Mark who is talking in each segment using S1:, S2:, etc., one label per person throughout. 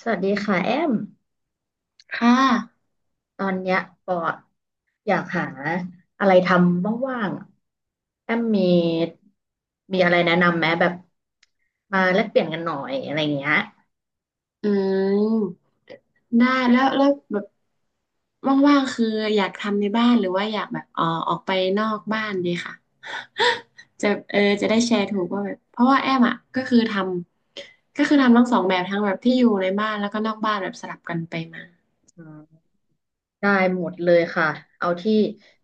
S1: สวัสดีค่ะแอม
S2: ค่ะ
S1: ตอนเนี้ยปออยากหาอะไรทำว่างๆอะแอมมีอะไรแนะนำไหมแบบมาแลกเปลี่ยนกันหน่อยอะไรเงี้ย
S2: อืมได้แล้วแบบว่างๆคือ อยากทำในบ้านหรือว่าอยากแบบออกไปนอกบ้านดีค่ะ จะเออจะได้แชร์ถูกว่าแบบเพราะว่าแอมอ่ะก็คือทำทั้งสองแบบทั้งแบบที่อยู่ในบ้านแล้วก็นอกบ้านแบบสลับกันไปมา
S1: อืมได้หมดเลยค่ะเอาที่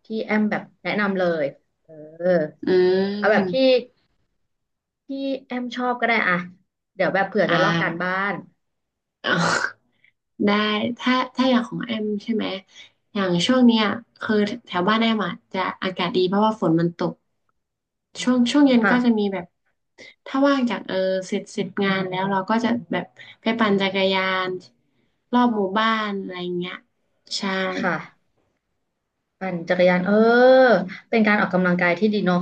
S1: ที่แอมแบบแนะนำเลยเออ
S2: อื
S1: เอาแบบที่
S2: ม
S1: ที่แอมชอบก็ได้อะเดี๋ยวแบบเผื่อ
S2: อ่า
S1: จะลอกการบ้าน
S2: เอา ได้ถ้าอย่างของแอมใช่ไหมอย่างช่วงเนี้ยคือแถวบ้านแอมอะจะอากาศดีเพราะว่าฝนมันตก
S1: อืม
S2: ช่วงเย็น
S1: ค่ะ
S2: ก็จะมีแบบถ้าว่างจากเสร็จงานแล้วเราก็จะแบบไปปั่นจักรยานรอบหมู่บ้านอะไรอย่างเงี้ยใช่
S1: ค่ะ ปั่นจักรยานเป็นการออกกำลังกายที่ดีเนาะ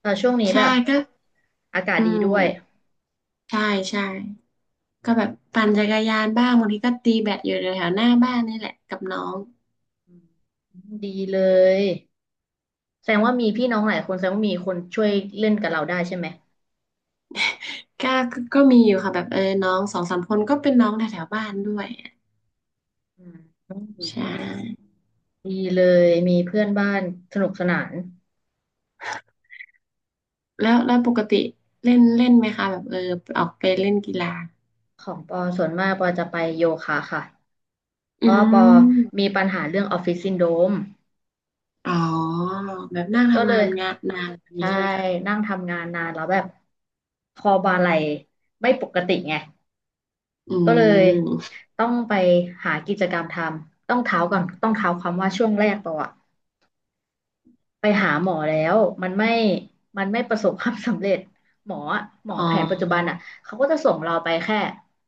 S1: แต่ช่วงนี้แบ
S2: ใช่
S1: บ
S2: ก็
S1: อากาศ
S2: อื
S1: ดีด้วย
S2: มใช่ใช่ก็แบบปั่นจักรยานบ้างบางทีก็ตีแบดอยู่แถวๆหน้าบ้านนี่แหละกับน้อง
S1: อืมดีเลยแสดงว่ามีพี่น้องหลายคนแสดงว่ามีคนช่วยเล่นกับเราได้ใช่ไหม
S2: ก็มีอยู่ค่ะแบบน้องสองสามคนก็เป็นน้องแถวแถวบ้านด้วยอะ
S1: อืม
S2: ใช่
S1: ดีเลยมีเพื่อนบ้านสนุกสนาน
S2: แล้วปกติเล่นเล่นไหมคะแบบออกไปเล่นกีฬา
S1: ของปอส่วนมากปอจะไปโยคะค่ะเพ
S2: อื
S1: ราะว่าปอ
S2: ม
S1: มีปัญหาเรื่องออฟฟิศซินโดรม
S2: อ๋อแบบนั่ง
S1: ก็
S2: ทำ
S1: เล
S2: งา
S1: ย
S2: นงานนานแบบนี้
S1: ใช่
S2: ใช่ไหมคะ
S1: นั่งทำงานนานแล้วแบบคอบ่าไหล่ไม่ปกติไง
S2: อื
S1: ก็เลย
S2: ม
S1: ต้องไปหากิจกรรมทำต้องเท้าก่อนต้องเท้าความว่าช่วงแรกปออะไปหาหมอแล้วมันไม่มันไม่ประสบความสำเร็จหมออะหมอ
S2: อ๋
S1: แผนปัจจุบัน
S2: อ
S1: อ่ะเขาก็จะส่งเราไปแค่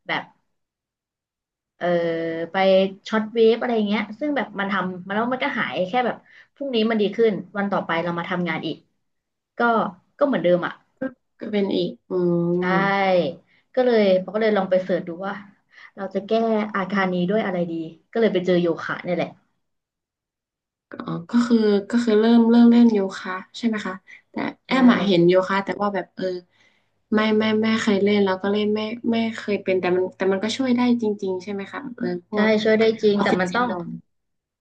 S1: แบบเออไปช็อตเวฟอะไรเงี้ยซึ่งแบบมันทำมาแล้วมันก็หายแค่แบบพรุ่งนี้มันดีขึ้นวันต่อไปเรามาทำงานอีกก็ก็เหมือนเดิมอ่ะ
S2: ก็เป็นอีกอื
S1: ใช
S2: ม
S1: ่ก็เลยปอก็เลยลองไปเสิร์ชดูว่าเราจะแก้อาการนี้ด้วยอะไรดีก็เลยไปเจอโยคะเนี่ยแหละ
S2: ก็ก็คือก็คือเริ่มเล่นโยคะใช่ไหมคะแต่
S1: ใช
S2: แอมอะเห็น
S1: ่
S2: โยคะแต่ว่าแบบไม่เคยเล่นแล้วก็เล่นไม่เคยเป็นแต่มันก็ช่วยได้จริงๆใช่ไหมคะเออพ
S1: ใช่
S2: วก
S1: ช่วยได้จริง
S2: ออฟ
S1: แต่
S2: ฟิศ
S1: มัน
S2: ซิ
S1: ต้อ
S2: น
S1: ง
S2: โดรม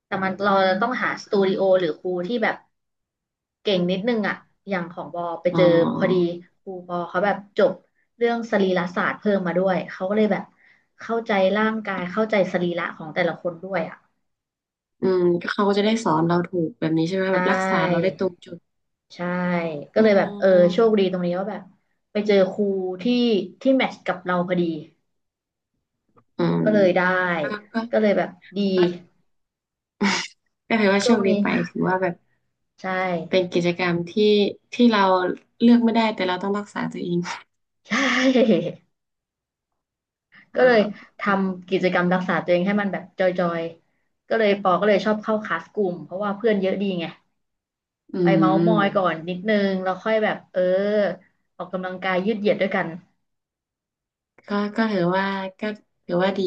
S1: แต่มันเราต้องหาสตูดิโอหรือครูที่แบบเก่งนิดนึงอ่ะอย่างของบอไป
S2: อ๋อ
S1: เจอพอดีครูบอเขาแบบจบเรื่องสรีรศาสตร์เพิ่มมาด้วยเขาก็เลยแบบเข้าใจร่างกายเข้าใจสรีระของแต่ละคนด้วยอ่ะ
S2: อืมก็เขาก็จะได้สอนเราถูกแบบนี้ใช่ไหม
S1: ใช
S2: แบบรักษาเรา
S1: ่
S2: ได้ตรงจุด
S1: ใช่ก็
S2: อ๋อ
S1: เลยแบบโชคดีตรงนี้ว่าแบบไปเจอครูที่ที่แมทช์กับเราพอดี
S2: อืม
S1: ก็เลยได้
S2: ก็
S1: ก็เลยแบบดี
S2: ก็ ก็ถือว่าโช
S1: ช่วง
S2: คดี
S1: นี้
S2: ไปถือว่าแบบ
S1: ใช่
S2: เป็นกิจกรรมที่ที่เราเลือกไม่ได้แต่เราต้องรักษาตัวเอง
S1: ใช่ ก็
S2: อ่า
S1: เลยทำกิจกรรมรักษาตัวเองให้มันแบบจอยๆก็เลยปอก็เลยชอบเข้าคลาสกลุ่มเพราะว่าเพื่อนเยอะดีไง
S2: อื
S1: ไปเมาท์มอยก่อ
S2: ม
S1: นนิดนึงแล้วค่อยแบบออกกำลังกายยืดเหยียดด้วยกัน
S2: ก็ก็ถือว่าก็ถือว่าดี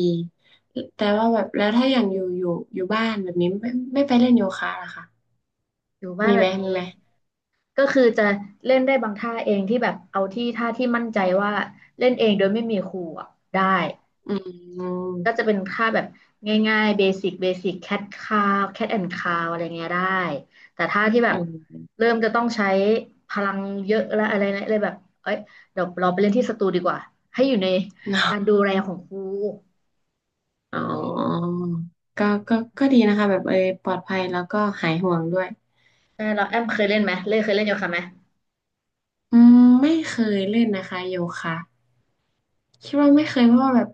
S2: แต่ว่าแบบแล้วถ้าอย่างอยู่บ้านแบบนี้ไม่ไปเล่นโยคะล่ะคะ
S1: อยู่บ้าน
S2: มี
S1: แบ
S2: ไหม
S1: บ
S2: มี
S1: นี้
S2: ไหม
S1: ก็คือจะเล่นได้บางท่าเองที่แบบเอาที่ท่าที่มั่นใจว่าเล่นเองโดยไม่มีครูอะได้
S2: อืม
S1: ก็จะเป็นค่าแบบง่ายๆเบสิกเบสิกแคทคาวแคทแอนด์คาวอะไรเงี้ยได้แต่ถ้าที่แบ
S2: อื
S1: บ
S2: ม
S1: เริ่มจะต้องใช้พลังเยอะแล้วอะไรเนี่ยเลยแบบเอ้ยเดี๋ยวเราไปเล่นที่สตูดีกว่าให้อยู่ในการดูแลของครู
S2: อ๋อก็ดีนะคะแบบปลอดภัยแล้วก็หายห่วงด้วย
S1: ใช่เราแอมเคยเล่นไหมเคยเล่นโยคะไหม
S2: อืมไม่เคยเล่นนะคะโยคะ คิดว่าไม่เคยเพราะว่าแบบ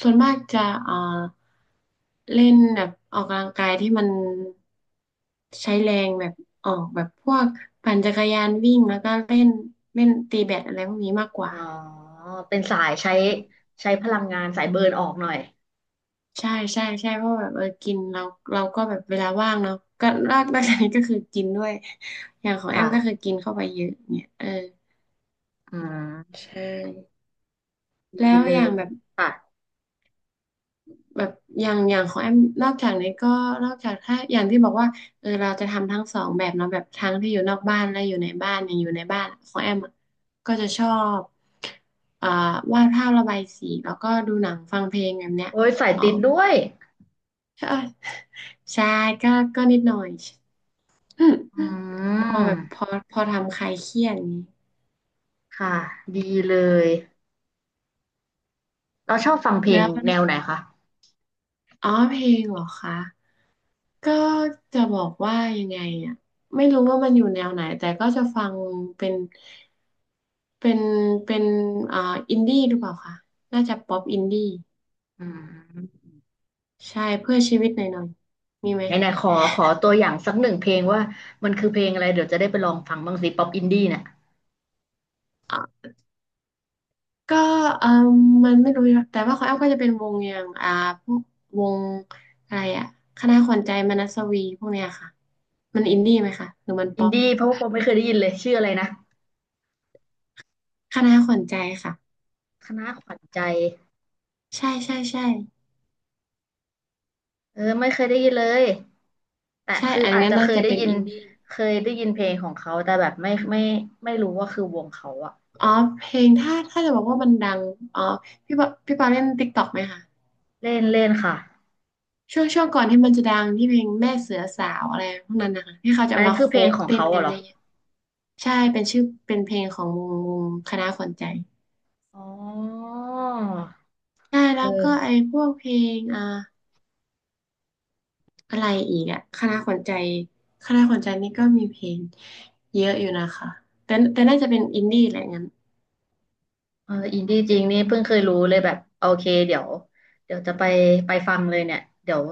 S2: ส่วนมากจะเอ่อเล่นแบบออกกำลังกายที่มันใช้แรงแบบออกแบบพวกปั่นจักรยานวิ่งแล้วก็เล่นเล่นตีแบดอะไรพวกนี้มากกว่า
S1: อ๋อเป็นสายใช้ใช้พลังงานสายเบิร์นออกหน่อย
S2: ใช่ใช่ใช่เพราะว่าแบบกินเราก็แบบเวลาว่างเนาะก็นอกจากนี้ก็คือกินด้วยอย่างของแอมก็คือ
S1: ค่ะ
S2: กินเข้าไปเยอะเนี่ย
S1: อืม
S2: ใช่แล้
S1: ดี
S2: ว
S1: เล
S2: อ
S1: ย
S2: ย่างแบบ
S1: ค่ะ
S2: แบบอย่างของแอมนอกจากนี้ก็นอกจากถ้าอย่างที่บอกว่าเราจะทำทั้งสองแบบเนาะแบบทั้งที่อยู่นอกบ้านและอยู่ในบ้านอย่างอยู่ในบ้านของแอมอะก็จะชอบอ่าวาดภาพระบายสีแล้วก็ดูหนังฟังเพลงแบบเนี้ย
S1: โอ้ยสาย
S2: อ๋อ
S1: ติดด้วย
S2: ใช่ใช่ก็ก็นิดหน่อยอืม
S1: อื
S2: พอแบบพ
S1: ม
S2: อพอทำคลายเครียดอย่างนี้
S1: ค่ะดีเลย เราชอบฟังเพล
S2: แล้
S1: ง
S2: ว
S1: แนวไหนคะ
S2: อ๋อเพลงเหรอคะ ก็จะบอกว่ายังไงอ่ะไม่รู้ว่ามันอยู่แนวไหนแต่ก็จะฟังเป็นเป็นเป็นอ่าอินดี้หรือเปล่าคะน่าจะป๊อปอินดี้
S1: อืม
S2: ใช่เพื่อชีวิตหน่อยหน่อยมีไหม
S1: ไหนไหนขอตัวอย่างสักหนึ่งเพลงว่ามันคือเพลงอะไรเดี๋ยวจะได้ไปลองฟังบ้างสิป๊อปอินดี้เนี่ย
S2: ก็เออมมันไม่รู้แต่ว่าของแอมก็จะเป็นวงอย่างพวกวงอะไรอ่ะคณะขวัญใจมนัสวีพวกเนี้ยค่ะมันอินดี้ไหมคะหรือมัน
S1: อิ
S2: ป๊
S1: น
S2: อป
S1: ดี้เพราะว่าป๊อปไม่เคยได้ยินเลยชื่ออะไรนะ
S2: คณะขวัญใจค่ะ
S1: คณะขวัญใจ
S2: ใช่ใช่ใช่
S1: ไม่เคยได้ยินเลย แต่
S2: ใช่
S1: คือ
S2: อัน
S1: อาจ
S2: นั้น
S1: จะ
S2: น่า
S1: เคย
S2: จะ
S1: ได้
S2: เป็น
S1: ยิน
S2: อินดี้
S1: เคยได้ยินเพลงของเขาแต่แบบไม่รู้ว่าคือวงเขาอะ
S2: อ๋อเพลงถ้าจะบอกว่ามันดังอ๋อพี่ปอเล่นติ๊กต็อกไหมคะ
S1: เล่นเล่นค่ะ
S2: ช่วงก่อนที่มันจะดังที่เพลงแม่เสือสาวอะไรพวกนั้นนะคะที่เขาจะ
S1: อันนี้
S2: มา
S1: คื
S2: โค
S1: อเพลง
S2: ฟ
S1: ของ
S2: เต้น
S1: เขา
S2: กั
S1: อะ
S2: น
S1: เหรอ
S2: เยอะๆใช่เป็นชื่อเป็นเพลงของวงคณะขวัญใจ
S1: อ๋อ
S2: ใช่
S1: เอ
S2: แล้ว
S1: อ
S2: ก็ไอ้พวกเพลงอะไรอีกอะคณะขวัญใจคณะขวัญใจนี่ก็มีเพลงเยอะอยู่นะคะแต่น่าจะเป็นอินดี้แหละงั้น
S1: อินดี้จริงนี่เพิ่งเคยรู้เลยแบบโอเคเดี๋ยวเดี๋ยวจะไปไปฟังเลยเนี่ยเดี๋ยว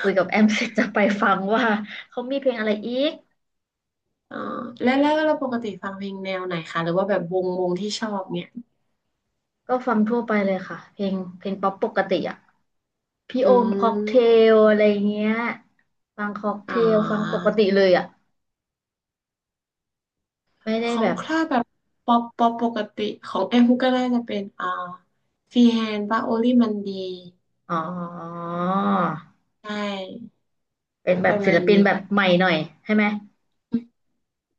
S1: คุยกับแอม เสร็จจะไปฟังว่าเขามีเพลงอะไรอีก
S2: อ๋อแล้วเราปกติฟังเพลงแนวไหนคะหรือว่าแบบวงที่ชอบเนี่ย
S1: ก็ฟังทั่วไปเลยค่ะเพลงป๊อปปกติอ่ะพี่
S2: อื
S1: โอมค็อกเท
S2: ม
S1: ลอะไรเงี้ยฟังค็อกเท
S2: อ่
S1: ลฟังป
S2: า
S1: กติเลยอ่ะไม่ได้
S2: ขอ
S1: แบ
S2: ง
S1: บ
S2: คลาดแบบป๊อปปกติของแอมฮุกก็น่าจะเป็นฟรีแฮนด์บ้าโอลี่มันดี
S1: อ๋อ
S2: ใช่
S1: เป็นแบ
S2: ป
S1: บ
S2: ระ
S1: ศิ
S2: มา
S1: ล
S2: ณ
S1: ปินแบ
S2: นี้
S1: บใหม่หน่อยใช่ไหม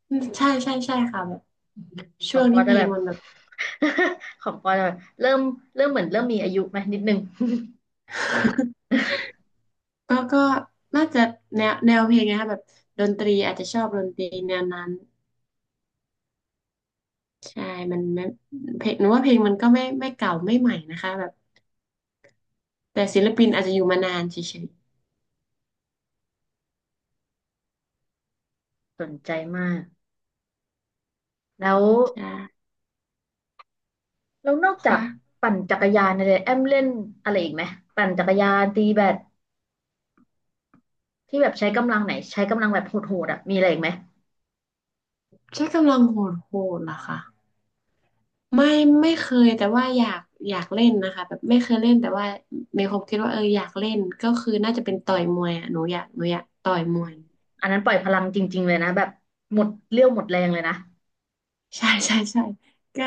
S2: อืมใช่ใช่ใช่ค่ะแบบ
S1: ข
S2: ช่
S1: อ
S2: ว
S1: ง
S2: ง
S1: ปอ
S2: ที่เพ
S1: จะ
S2: ล
S1: แบ
S2: ง
S1: บ
S2: มันแบบ
S1: ของปอจะแบบเริ่มเริ่มเหมือนเริ่มมีอายุไหมนิดนึง
S2: ก็น่าจะแนวเพลงนะคะแบบดนตรีอาจจะชอบดนตรีแนวนั้นใช่มันไม่เพลงหนูว่าเพลงมันก็ไม่เก่าไม่ใหม่นะคะแบบแต่ศิลปินอาจจะอยู่มานานเฉย
S1: สนใจมาก แล้ว
S2: ๆใช่
S1: แล้วนอกจาก
S2: ค่ะ
S1: ปั่นจักรยานเนี่ยแอมเล่นอะไรอีกไหมปั่นจักรยานตีแบดที่แบบใช้กำลังไหนใช้กำลังแบบโหดๆอ่ะมีอะไรอีกไหม
S2: ใช้กำลังโหดโหดเหรอคะ ไม่ไม่เคยแต่ว่าอยากเล่นนะคะแบบไม่เคยเล่นแต่ว่ามีความคิดว่าเอออยากเล่นก็คือน่าจะเป็นต่อยมวยอ่ะหนูอยากต่อย
S1: อื
S2: ม
S1: ม
S2: วย
S1: อันนั้นปล่อยพลังจริงๆเลยนะแบบหมดเรี่ยวหมดแรงเลยนะ
S2: ใช่ใช่ใช่ก็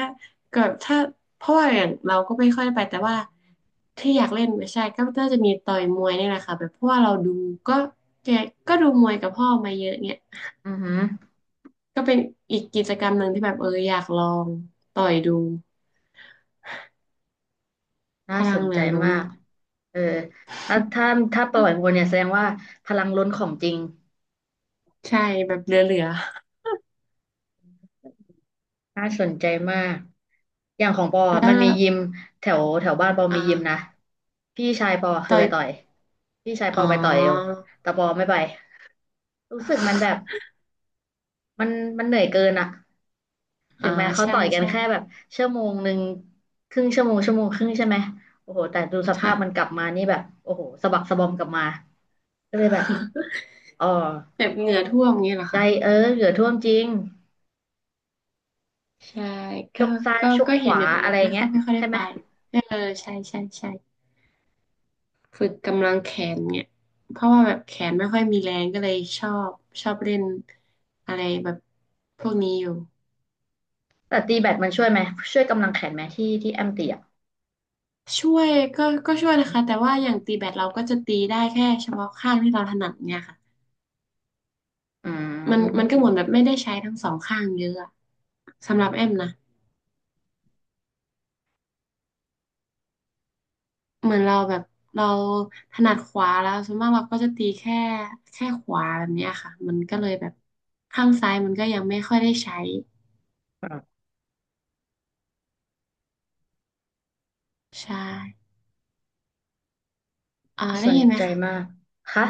S2: ก็ถ้าเพราะว่าอย่างเราก็ไม่ค่อยได้ไปแต่ว่าที่อยากเล่นไม่ใช่ก็น่าจะมีต่อยมวยนี่แหละค่ะแบบเพราะว่าเราดูก็แกก็ดูมวยกับพ่อมาเยอะเนี่ย
S1: อือหือ
S2: ก็เป็นอีกกิจกรรมหนึ่งที่แบบอยากลองต่อยดูพ
S1: น่า
S2: ลั
S1: ส
S2: ง
S1: น
S2: เหลื
S1: ใจ
S2: อล้น
S1: มากเออถ้าถ้าปล่อยวัวเนี่ยแสดงว่าพลังล้นของจริง
S2: ใช่แบบเหลือ
S1: น่าสนใจมากอย่างของปอ
S2: ๆแล้ว
S1: มัน
S2: แล้
S1: มี
S2: ว
S1: ยิมแถวแถวบ้านปอมียิมนะ
S2: อ่า
S1: พี่ชายปอเคย
S2: ต่อ
S1: ไป
S2: ย
S1: ต่อยพี่ชายป
S2: อ๋
S1: อ
S2: อ
S1: ไปต่อยเอวแต่ปอไม่ไป รู้สึกมันแบบมันมันเหนื่อยเกินอะถึ
S2: อ่า
S1: งแม้เขา
S2: ใช่
S1: ต่อยกัน
S2: ใช่
S1: แค่แบบชั่วโมงหนึ่งครึ่งชั่วโมงชั่วโมงครึ่งใช่ไหมโอ้โหแต่ดูสภา
S2: ค่ะ
S1: พมันกลับมานี่แบบโอ้โหสะบักสะบอมกลับมาก็เลยแบบ อ๋อ
S2: แบบเหงื่อท่วมอย่างนี้เหรอ
S1: ใจ
S2: คะ
S1: เหลือท่วมจริง
S2: ใช่
S1: ช
S2: ก็
S1: กซ้าย
S2: ก็
S1: ชก
S2: ก็
S1: ข
S2: เห็น
S1: วา
S2: อยู่แต่แบ
S1: อะไร
S2: บไม่
S1: เงี้
S2: ค่อ
S1: ย
S2: ยไม่ค่อยได้
S1: ใช่ไหม
S2: ไปเออใช่ใช่ใช่ฝึกกำลังแขนเนี่ยเพราะว่าแบบแขนไม่ค่อยมีแรงก็เลยชอบเล่นอะไรแบบพวกนี้อยู่
S1: แต่ตีแบดมันช่วยไหมช่วยกำลังแขนไหมที่แอมตีอะ
S2: ช่วยก็ช่วยนะคะ แต่ว่าอย่างตีแบดเราก็จะตีได้แค่เฉพาะข้างที่เราถนัดเนี่ยค่ะ
S1: อื
S2: มันก็
S1: ม
S2: เหมือนแบบไม่ได้ใช้ทั้งสองข้างเยอะอะสำหรับแอมนะ เหมือนเราแบบเราถนัดขวาแล้วส่วนมากเราก็จะตีแค่ขวาแบบเนี้ยค่ะมันก็เลยแบบข้างซ้ายมันก็ยังไม่ค่อยได้ใช้
S1: ครับ
S2: ใช่อ่า
S1: ส
S2: ได้
S1: น
S2: ยินไหม
S1: ใจ
S2: คะ
S1: มากค่ะ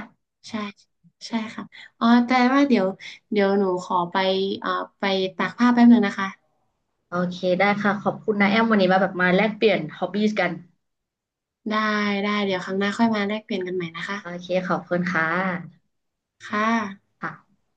S2: ใช่ใช่ค่ะอ๋อแต่ว่าเดี๋ยวหนูขอไปเอ่อไปตากผ้าแป๊บนึงนะคะ
S1: โอเคได้ค่ะขอบคุณนะแอมวันนี้มาแบบมาแลกเปลี่ยนฮอบบี้กัน
S2: ได้ได้เดี๋ยวครั้งหน้าค่อยมาแลกเปลี่ยนกันใหม่นะคะ
S1: โอเคขอบคุณค่ะ
S2: ค่ะ
S1: ค่ะ